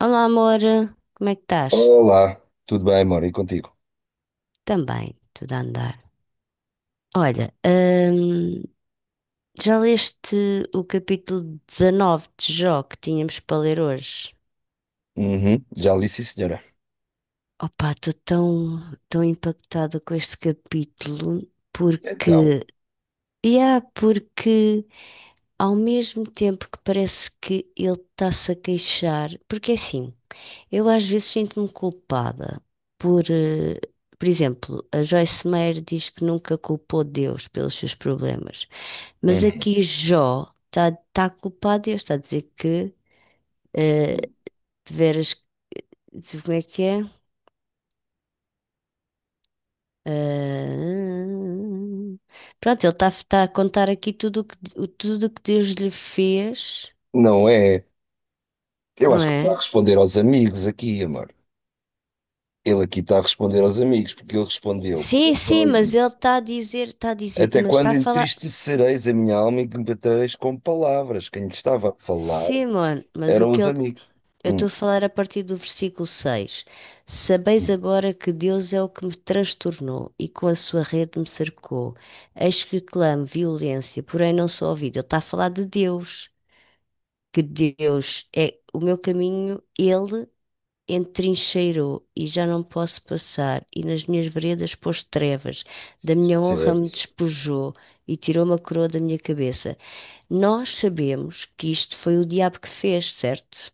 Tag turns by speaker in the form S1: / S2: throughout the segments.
S1: Olá, amor, como é que estás?
S2: Olá, tudo bem, amor? E contigo?
S1: Também, tudo a andar. Olha, já leste o capítulo 19 de Jó que tínhamos para ler hoje?
S2: Uhum, já lhe disse, senhora.
S1: Opa, estou tão, tão impactada com este capítulo
S2: Então,
S1: porque, yeah, porque ao mesmo tempo que parece que ele está-se a queixar, porque é assim, eu às vezes sinto-me culpada por, eh, por exemplo, a Joyce Meyer diz que nunca culpou Deus pelos seus problemas, mas
S2: uhum.
S1: aqui Jó está a culpar Deus, está a dizer que eh, de veras, como é que é? Ah, pronto, ele está a contar aqui tudo o que Deus lhe fez,
S2: Não é? Eu
S1: não
S2: acho que está a
S1: é?
S2: responder aos amigos aqui, amor. Ele aqui está a responder aos amigos, porque ele respondeu,
S1: Sim,
S2: só
S1: sim,
S2: e
S1: mas ele
S2: disse:
S1: está a dizer,
S2: Até
S1: mas está
S2: quando
S1: a falar.
S2: entristecereis a minha alma e que me batereis com palavras? Quem lhe estava a falar
S1: Sim, mano, mas o
S2: eram
S1: que
S2: os
S1: ele.
S2: amigos.
S1: Eu estou
S2: Hum,
S1: a falar a partir do versículo 6. Sabeis
S2: hum.
S1: agora que Deus é o que me transtornou e com a sua rede me cercou. Eis que clamo violência, porém não sou ouvido. Ele está a falar de Deus, que Deus é o meu caminho, ele entrincheirou e já não posso passar, e nas minhas veredas pôs trevas, da minha honra me
S2: Certo,
S1: despojou e tirou uma coroa da minha cabeça. Nós sabemos que isto foi o diabo que fez, certo?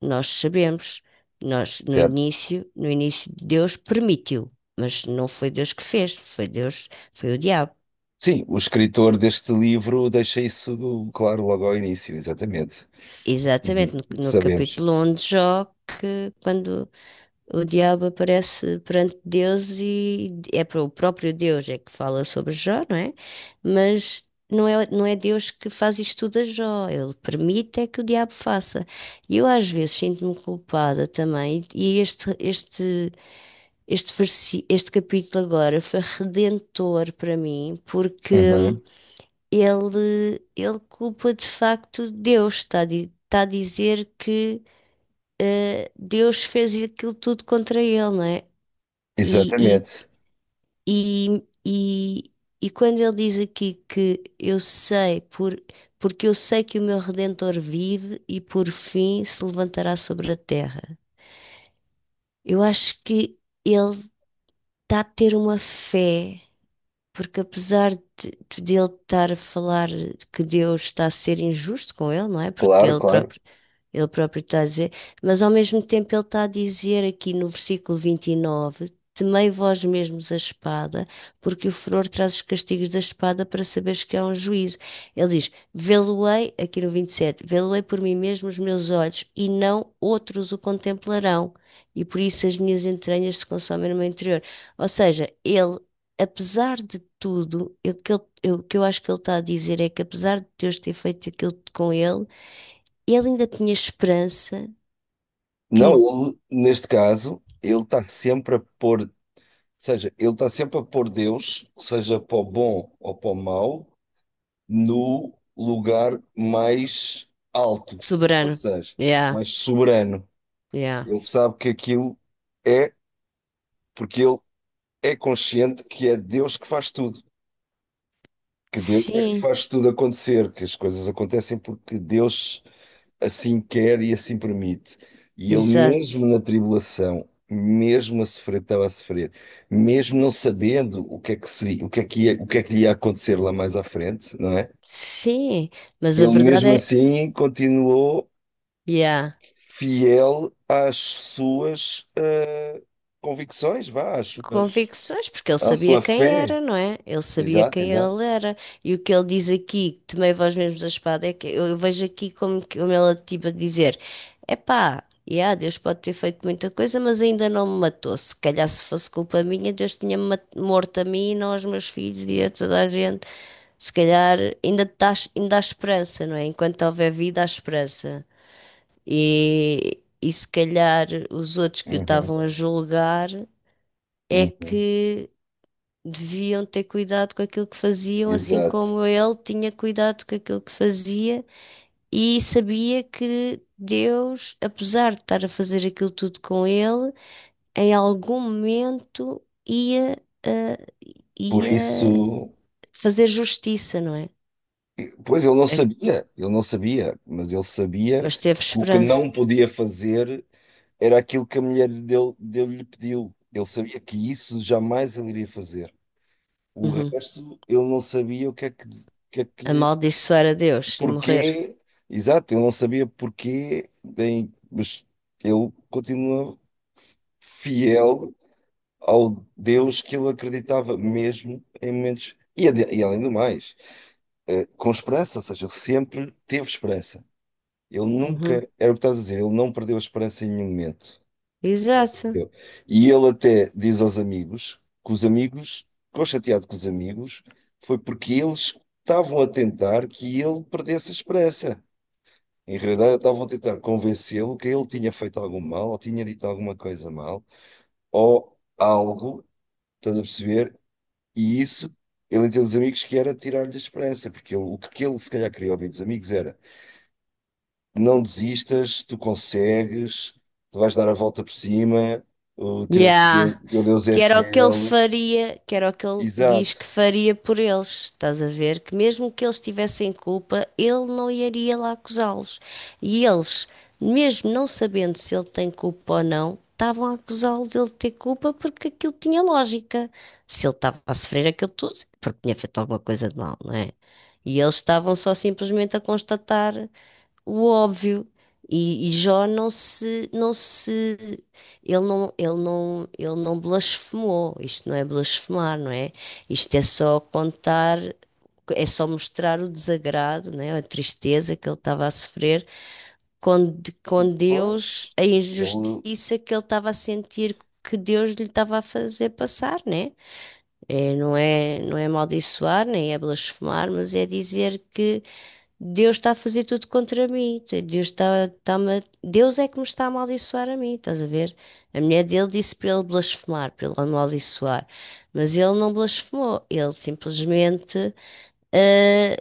S1: Nós sabemos. Nós,
S2: certo.
S1: no início, Deus permitiu, mas não foi Deus que fez, foi Deus, foi o diabo.
S2: Sim, o escritor deste livro deixa isso claro logo ao início, exatamente.
S1: Exatamente,
S2: Uhum.
S1: no
S2: Sabemos.
S1: capítulo 1 de Jó, que quando o diabo aparece perante Deus e é para o próprio Deus é que fala sobre Jó, não é? Mas não é Deus que faz isto tudo a Jó, ele permite é que o diabo faça. E eu às vezes sinto-me culpada também, e este capítulo agora foi redentor para mim, porque
S2: Uhum.
S1: ele culpa de facto Deus, está a dizer que Deus fez aquilo tudo contra ele, não é? E, e,
S2: Exatamente,
S1: e, e, e quando ele diz aqui que eu sei, porque eu sei que o meu Redentor vive e por fim se levantará sobre a terra, eu acho que ele está a ter uma fé. Porque apesar de ele estar a falar que Deus está a ser injusto com ele, não é? Porque
S2: claro, claro.
S1: ele próprio está a dizer, mas ao mesmo tempo ele está a dizer aqui no versículo 29 Temei vós mesmos a espada, porque o furor traz os castigos da espada para saberes que há um juízo. Ele diz, Vê-lo-ei, aqui no 27 Vê-lo-ei por mim mesmo os meus olhos, e não outros o contemplarão, e por isso as minhas entranhas se consomem no meu interior. Ou seja, ele apesar de tudo, o que eu acho que ele está a dizer é que apesar de Deus ter feito aquilo com ele, ele ainda tinha esperança
S2: Não,
S1: que.
S2: ele, neste caso, ele está sempre a pôr, ou seja, ele está sempre a pôr Deus, seja para o bom ou para o mau, no lugar mais alto, ou
S1: Soberano.
S2: seja,
S1: Yeah,
S2: mais soberano.
S1: yeah,
S2: Ele sabe que aquilo é, porque ele é consciente que é Deus que faz tudo, que Deus é que
S1: Sim,
S2: faz tudo acontecer, que as coisas acontecem porque Deus assim quer e assim permite. E ele, mesmo
S1: exato.
S2: na tribulação, mesmo a sofrer, estava a sofrer, mesmo não sabendo o que é que seria, o que é que ia, o que é que lhe ia acontecer lá mais à frente, não é?
S1: Sim, mas a
S2: Ele,
S1: verdade
S2: mesmo
S1: é.
S2: assim, continuou
S1: Yeah.
S2: fiel às suas convicções, vá,
S1: Convicções, porque ele
S2: à
S1: sabia
S2: sua
S1: quem
S2: fé.
S1: era, não é? Ele sabia
S2: Exato,
S1: quem
S2: exato.
S1: ele era. E o que ele diz aqui, tomei vós mesmos a espada, é que eu vejo aqui como ele tipo a dizer: epá, yeah, Deus pode ter feito muita coisa, mas ainda não me matou. Se calhar se fosse culpa minha, Deus tinha-me morto a mim, e não aos meus filhos e a toda a gente. Se calhar tás, ainda há esperança, não é? Enquanto houver vida, há esperança. E se calhar os outros que o
S2: Uhum,
S1: estavam a julgar é
S2: uhum,
S1: que deviam ter cuidado com aquilo que faziam, assim
S2: exato.
S1: como ele tinha cuidado com aquilo que fazia e sabia que Deus, apesar de estar a fazer aquilo tudo com ele, em algum momento ah,
S2: Por
S1: ia
S2: isso.
S1: fazer justiça, não é?
S2: Pois
S1: É-
S2: ele não sabia, mas ele sabia
S1: Mas
S2: que
S1: teve
S2: o que
S1: esperança.
S2: não podia fazer era aquilo que a mulher dele, dele lhe pediu. Ele sabia que isso jamais ele iria fazer. O
S1: Uhum.
S2: resto, ele não sabia o que é que,
S1: Amaldiçoar a Deus e morrer.
S2: porquê, exato, ele não sabia porquê, bem mas ele continua fiel ao Deus que ele acreditava, mesmo em momentos. E além do mais, com esperança, ou seja, ele sempre teve esperança. Ele nunca,
S1: Uhum.
S2: era o que estás a dizer, ele não perdeu a esperança em nenhum momento.
S1: Exato.
S2: Entendeu? E ele até diz aos amigos que os amigos, ficou chateado com os amigos, foi porque eles estavam a tentar que ele perdesse a esperança. Em realidade, estavam a tentar convencê-lo que ele tinha feito algum mal, ou tinha dito alguma coisa mal, ou algo, estás a perceber? E isso, ele entende os amigos que era tirar-lhe a esperança, porque o que ele se calhar queria ouvir dos amigos era. Não desistas, tu consegues, tu vais dar a volta por cima, o teu,
S1: Yeah.
S2: teu teu Deus é
S1: Que era o que ele
S2: fiel.
S1: faria, que era o que ele diz que
S2: Exato.
S1: faria por eles. Estás a ver? Que mesmo que eles tivessem culpa, ele não iria lá acusá-los. E eles, mesmo não sabendo se ele tem culpa ou não, estavam a acusá-lo dele ter culpa porque aquilo tinha lógica. Se ele estava a sofrer aquilo tudo, é porque tinha feito alguma coisa de mal, não é? E eles estavam só simplesmente a constatar o óbvio. E Jó não se, não se, ele não, ele não, ele não blasfemou. Isto não é blasfemar, não é? Isto é só contar, é só mostrar o desagrado, né? A tristeza que ele estava a sofrer com Deus,
S2: Pois,
S1: a
S2: ele,
S1: injustiça que ele estava a sentir que Deus lhe estava a fazer passar, né? É, não é amaldiçoar, nem é blasfemar, mas é dizer que Deus está a fazer tudo contra mim. Deus é que me está a amaldiçoar a mim, estás a ver? A mulher dele disse para ele blasfemar, para ele amaldiçoar. Mas ele não blasfemou. Ele simplesmente ah,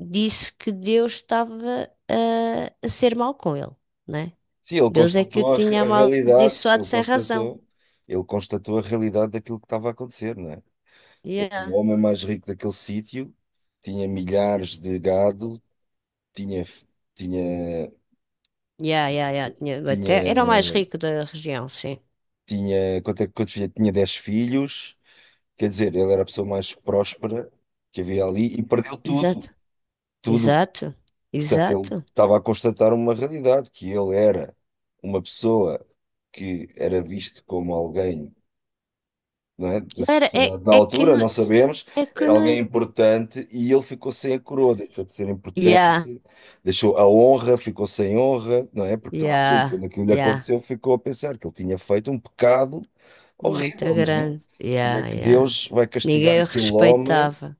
S1: disse que Deus estava a ser mau com ele, né?
S2: sim, ele
S1: Deus é que o
S2: constatou
S1: tinha
S2: a realidade,
S1: amaldiçoado sem razão.
S2: ele constatou a realidade daquilo que estava a acontecer, não é? Ele, é o
S1: Yeah.
S2: homem mais rico daquele sítio, tinha milhares de gado, tinha, f- tinha,
S1: Yeah, yeah, yeah. Tinha, até, era o mais
S2: tinha,
S1: rico da região, sim.
S2: tinha, quanto é, quantos filhos? Tinha 10 filhos. Quer dizer, ele era a pessoa mais próspera que havia ali e perdeu tudo,
S1: Exato.
S2: tudo.
S1: Exato.
S2: Portanto, ele
S1: Exato.
S2: estava a constatar uma realidade, que ele era uma pessoa que era visto como alguém, não é, da
S1: Não era,
S2: sociedade na
S1: é que
S2: altura,
S1: não, É
S2: não sabemos,
S1: que
S2: era alguém
S1: Ekonomi.
S2: importante e ele ficou sem a coroa, deixou de ser importante,
S1: Yeah,
S2: deixou a honra, ficou sem honra, não é? Porque toda a gente,
S1: yeah,
S2: quando aquilo lhe
S1: yeah.
S2: aconteceu, ficou a pensar que ele tinha feito um pecado
S1: Muito
S2: horrível, não é?
S1: grande.
S2: Como é
S1: Yeah,
S2: que
S1: yeah.
S2: Deus vai castigar
S1: Ninguém o
S2: aquele homem?
S1: respeitava.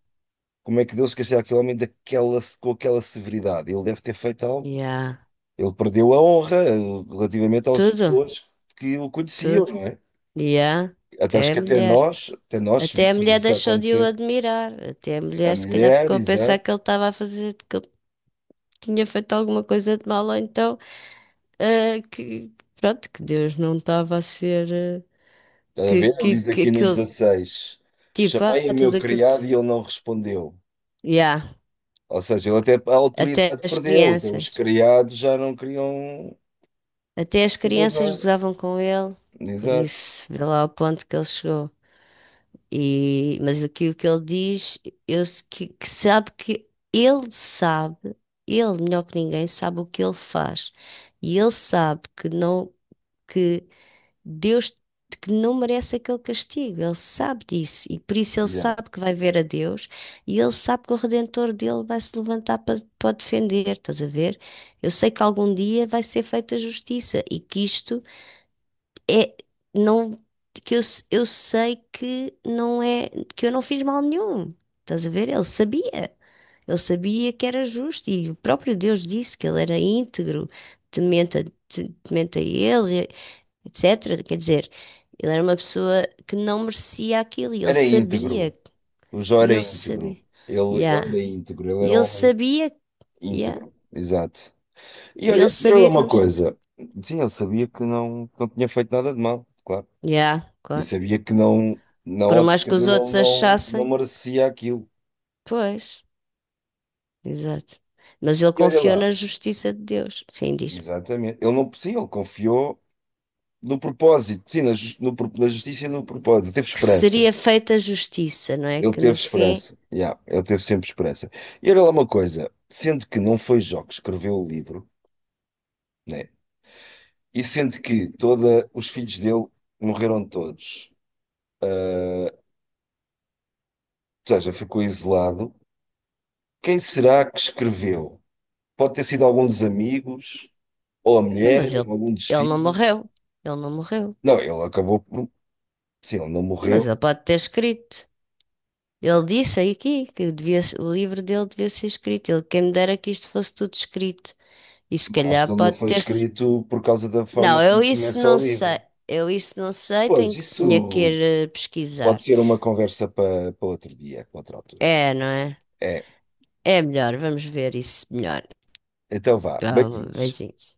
S2: Como é que deu-se castigar aquele homem daquela, com aquela severidade? Ele deve ter feito algo.
S1: Yeah.
S2: Ele perdeu a honra relativamente às
S1: Tudo,
S2: pessoas que o conheciam,
S1: tudo.
S2: não é?
S1: Yeah.
S2: Até acho
S1: Até a
S2: que
S1: mulher.
S2: até nós se
S1: Até a
S2: víssemos
S1: mulher
S2: isso a
S1: deixou de o
S2: acontecer.
S1: admirar. Até a
S2: A
S1: mulher, se calhar,
S2: mulher,
S1: ficou a pensar
S2: exato.
S1: que ele estava a fazer, que ele tinha feito alguma coisa de mal, ou então, que, pronto, que Deus não estava a ser,
S2: Está a ver? Ele diz
S1: que
S2: aqui no
S1: aquilo,
S2: 16,
S1: tipo,
S2: chamei o meu
S1: tudo aquilo. Que
S2: criado e ele não respondeu.
S1: Yeah.
S2: Ou seja, ele até a
S1: Até
S2: autoridade
S1: as
S2: perdeu. Até os
S1: crianças.
S2: criados já não queriam
S1: Até as
S2: saber de
S1: crianças
S2: nada.
S1: gozavam com ele, por
S2: Exato.
S1: isso, vê lá o ponto que ele chegou. Mas aqui o que ele diz, que sabe que ele sabe, ele melhor que ninguém sabe o que ele faz. E ele sabe que não, que Deus que não merece aquele castigo. Ele sabe disso. E por isso ele
S2: Já.
S1: sabe que vai ver a Deus e ele sabe que o Redentor dele vai se levantar para o defender. Estás a ver? Eu sei que algum dia vai ser feita justiça e que isto é, não, que eu sei que não é, que eu não fiz mal nenhum. Estás a ver? Ele sabia. Ele sabia que era justo e o próprio Deus disse que ele era íntegro, temente temente a ele, etc. Quer dizer, ele era uma pessoa que não merecia aquilo
S2: Era íntegro. O Jó
S1: e
S2: era
S1: ele
S2: íntegro.
S1: sabia,
S2: Ele
S1: yeah.
S2: era íntegro. Ele era
S1: E
S2: um
S1: ele
S2: homem
S1: sabia, yeah.
S2: íntegro, exato.
S1: E ele
S2: E olha
S1: sabia que não
S2: uma
S1: merecia.
S2: coisa. Sim, ele sabia que não tinha feito nada de mal, claro.
S1: Yeah,
S2: E
S1: claro.
S2: sabia que não, na
S1: Por mais
S2: ótica
S1: que os
S2: dele,
S1: outros
S2: ele não, não
S1: achassem,
S2: merecia aquilo.
S1: pois. Exato. Mas ele
S2: E olha
S1: confiou
S2: lá,
S1: na justiça de Deus. Sim, diz-me.
S2: exatamente. Ele não, sim, ele confiou no propósito, sim, na, jus- no, pro- na justiça e no propósito. Ele teve
S1: Que
S2: esperança.
S1: seria feita justiça, não é?
S2: Ele
S1: Que no
S2: teve
S1: fim.
S2: esperança. Yeah, ele teve sempre esperança. E olha lá uma coisa. Sendo que não foi Jó que escreveu o livro, né? E sendo que toda, os filhos dele morreram todos. Ou seja, ficou isolado. Quem será que escreveu? Pode ter sido algum dos amigos, ou a
S1: Então, mas
S2: mulher, ou algum dos
S1: ele não
S2: filhos.
S1: morreu. Ele não morreu.
S2: Não, ele acabou por. Sim, ele não
S1: Mas
S2: morreu.
S1: ele pode ter escrito. Ele disse aí aqui que devia, o livro dele devia ser escrito. Ele, quem me dera que isto fosse tudo escrito. E se
S2: Agora, acho que
S1: calhar
S2: ele não
S1: pode
S2: foi
S1: ter.
S2: escrito por causa da forma
S1: Não, eu
S2: como
S1: isso
S2: começa o
S1: não sei.
S2: livro.
S1: Eu isso não sei.
S2: Pois, isso
S1: Tinha que ir
S2: pode
S1: pesquisar.
S2: ser uma conversa para outro dia, para outra altura.
S1: É, não é?
S2: É,
S1: É melhor. Vamos ver isso melhor.
S2: então vá,
S1: Calma,
S2: beijinhos.
S1: beijinhos.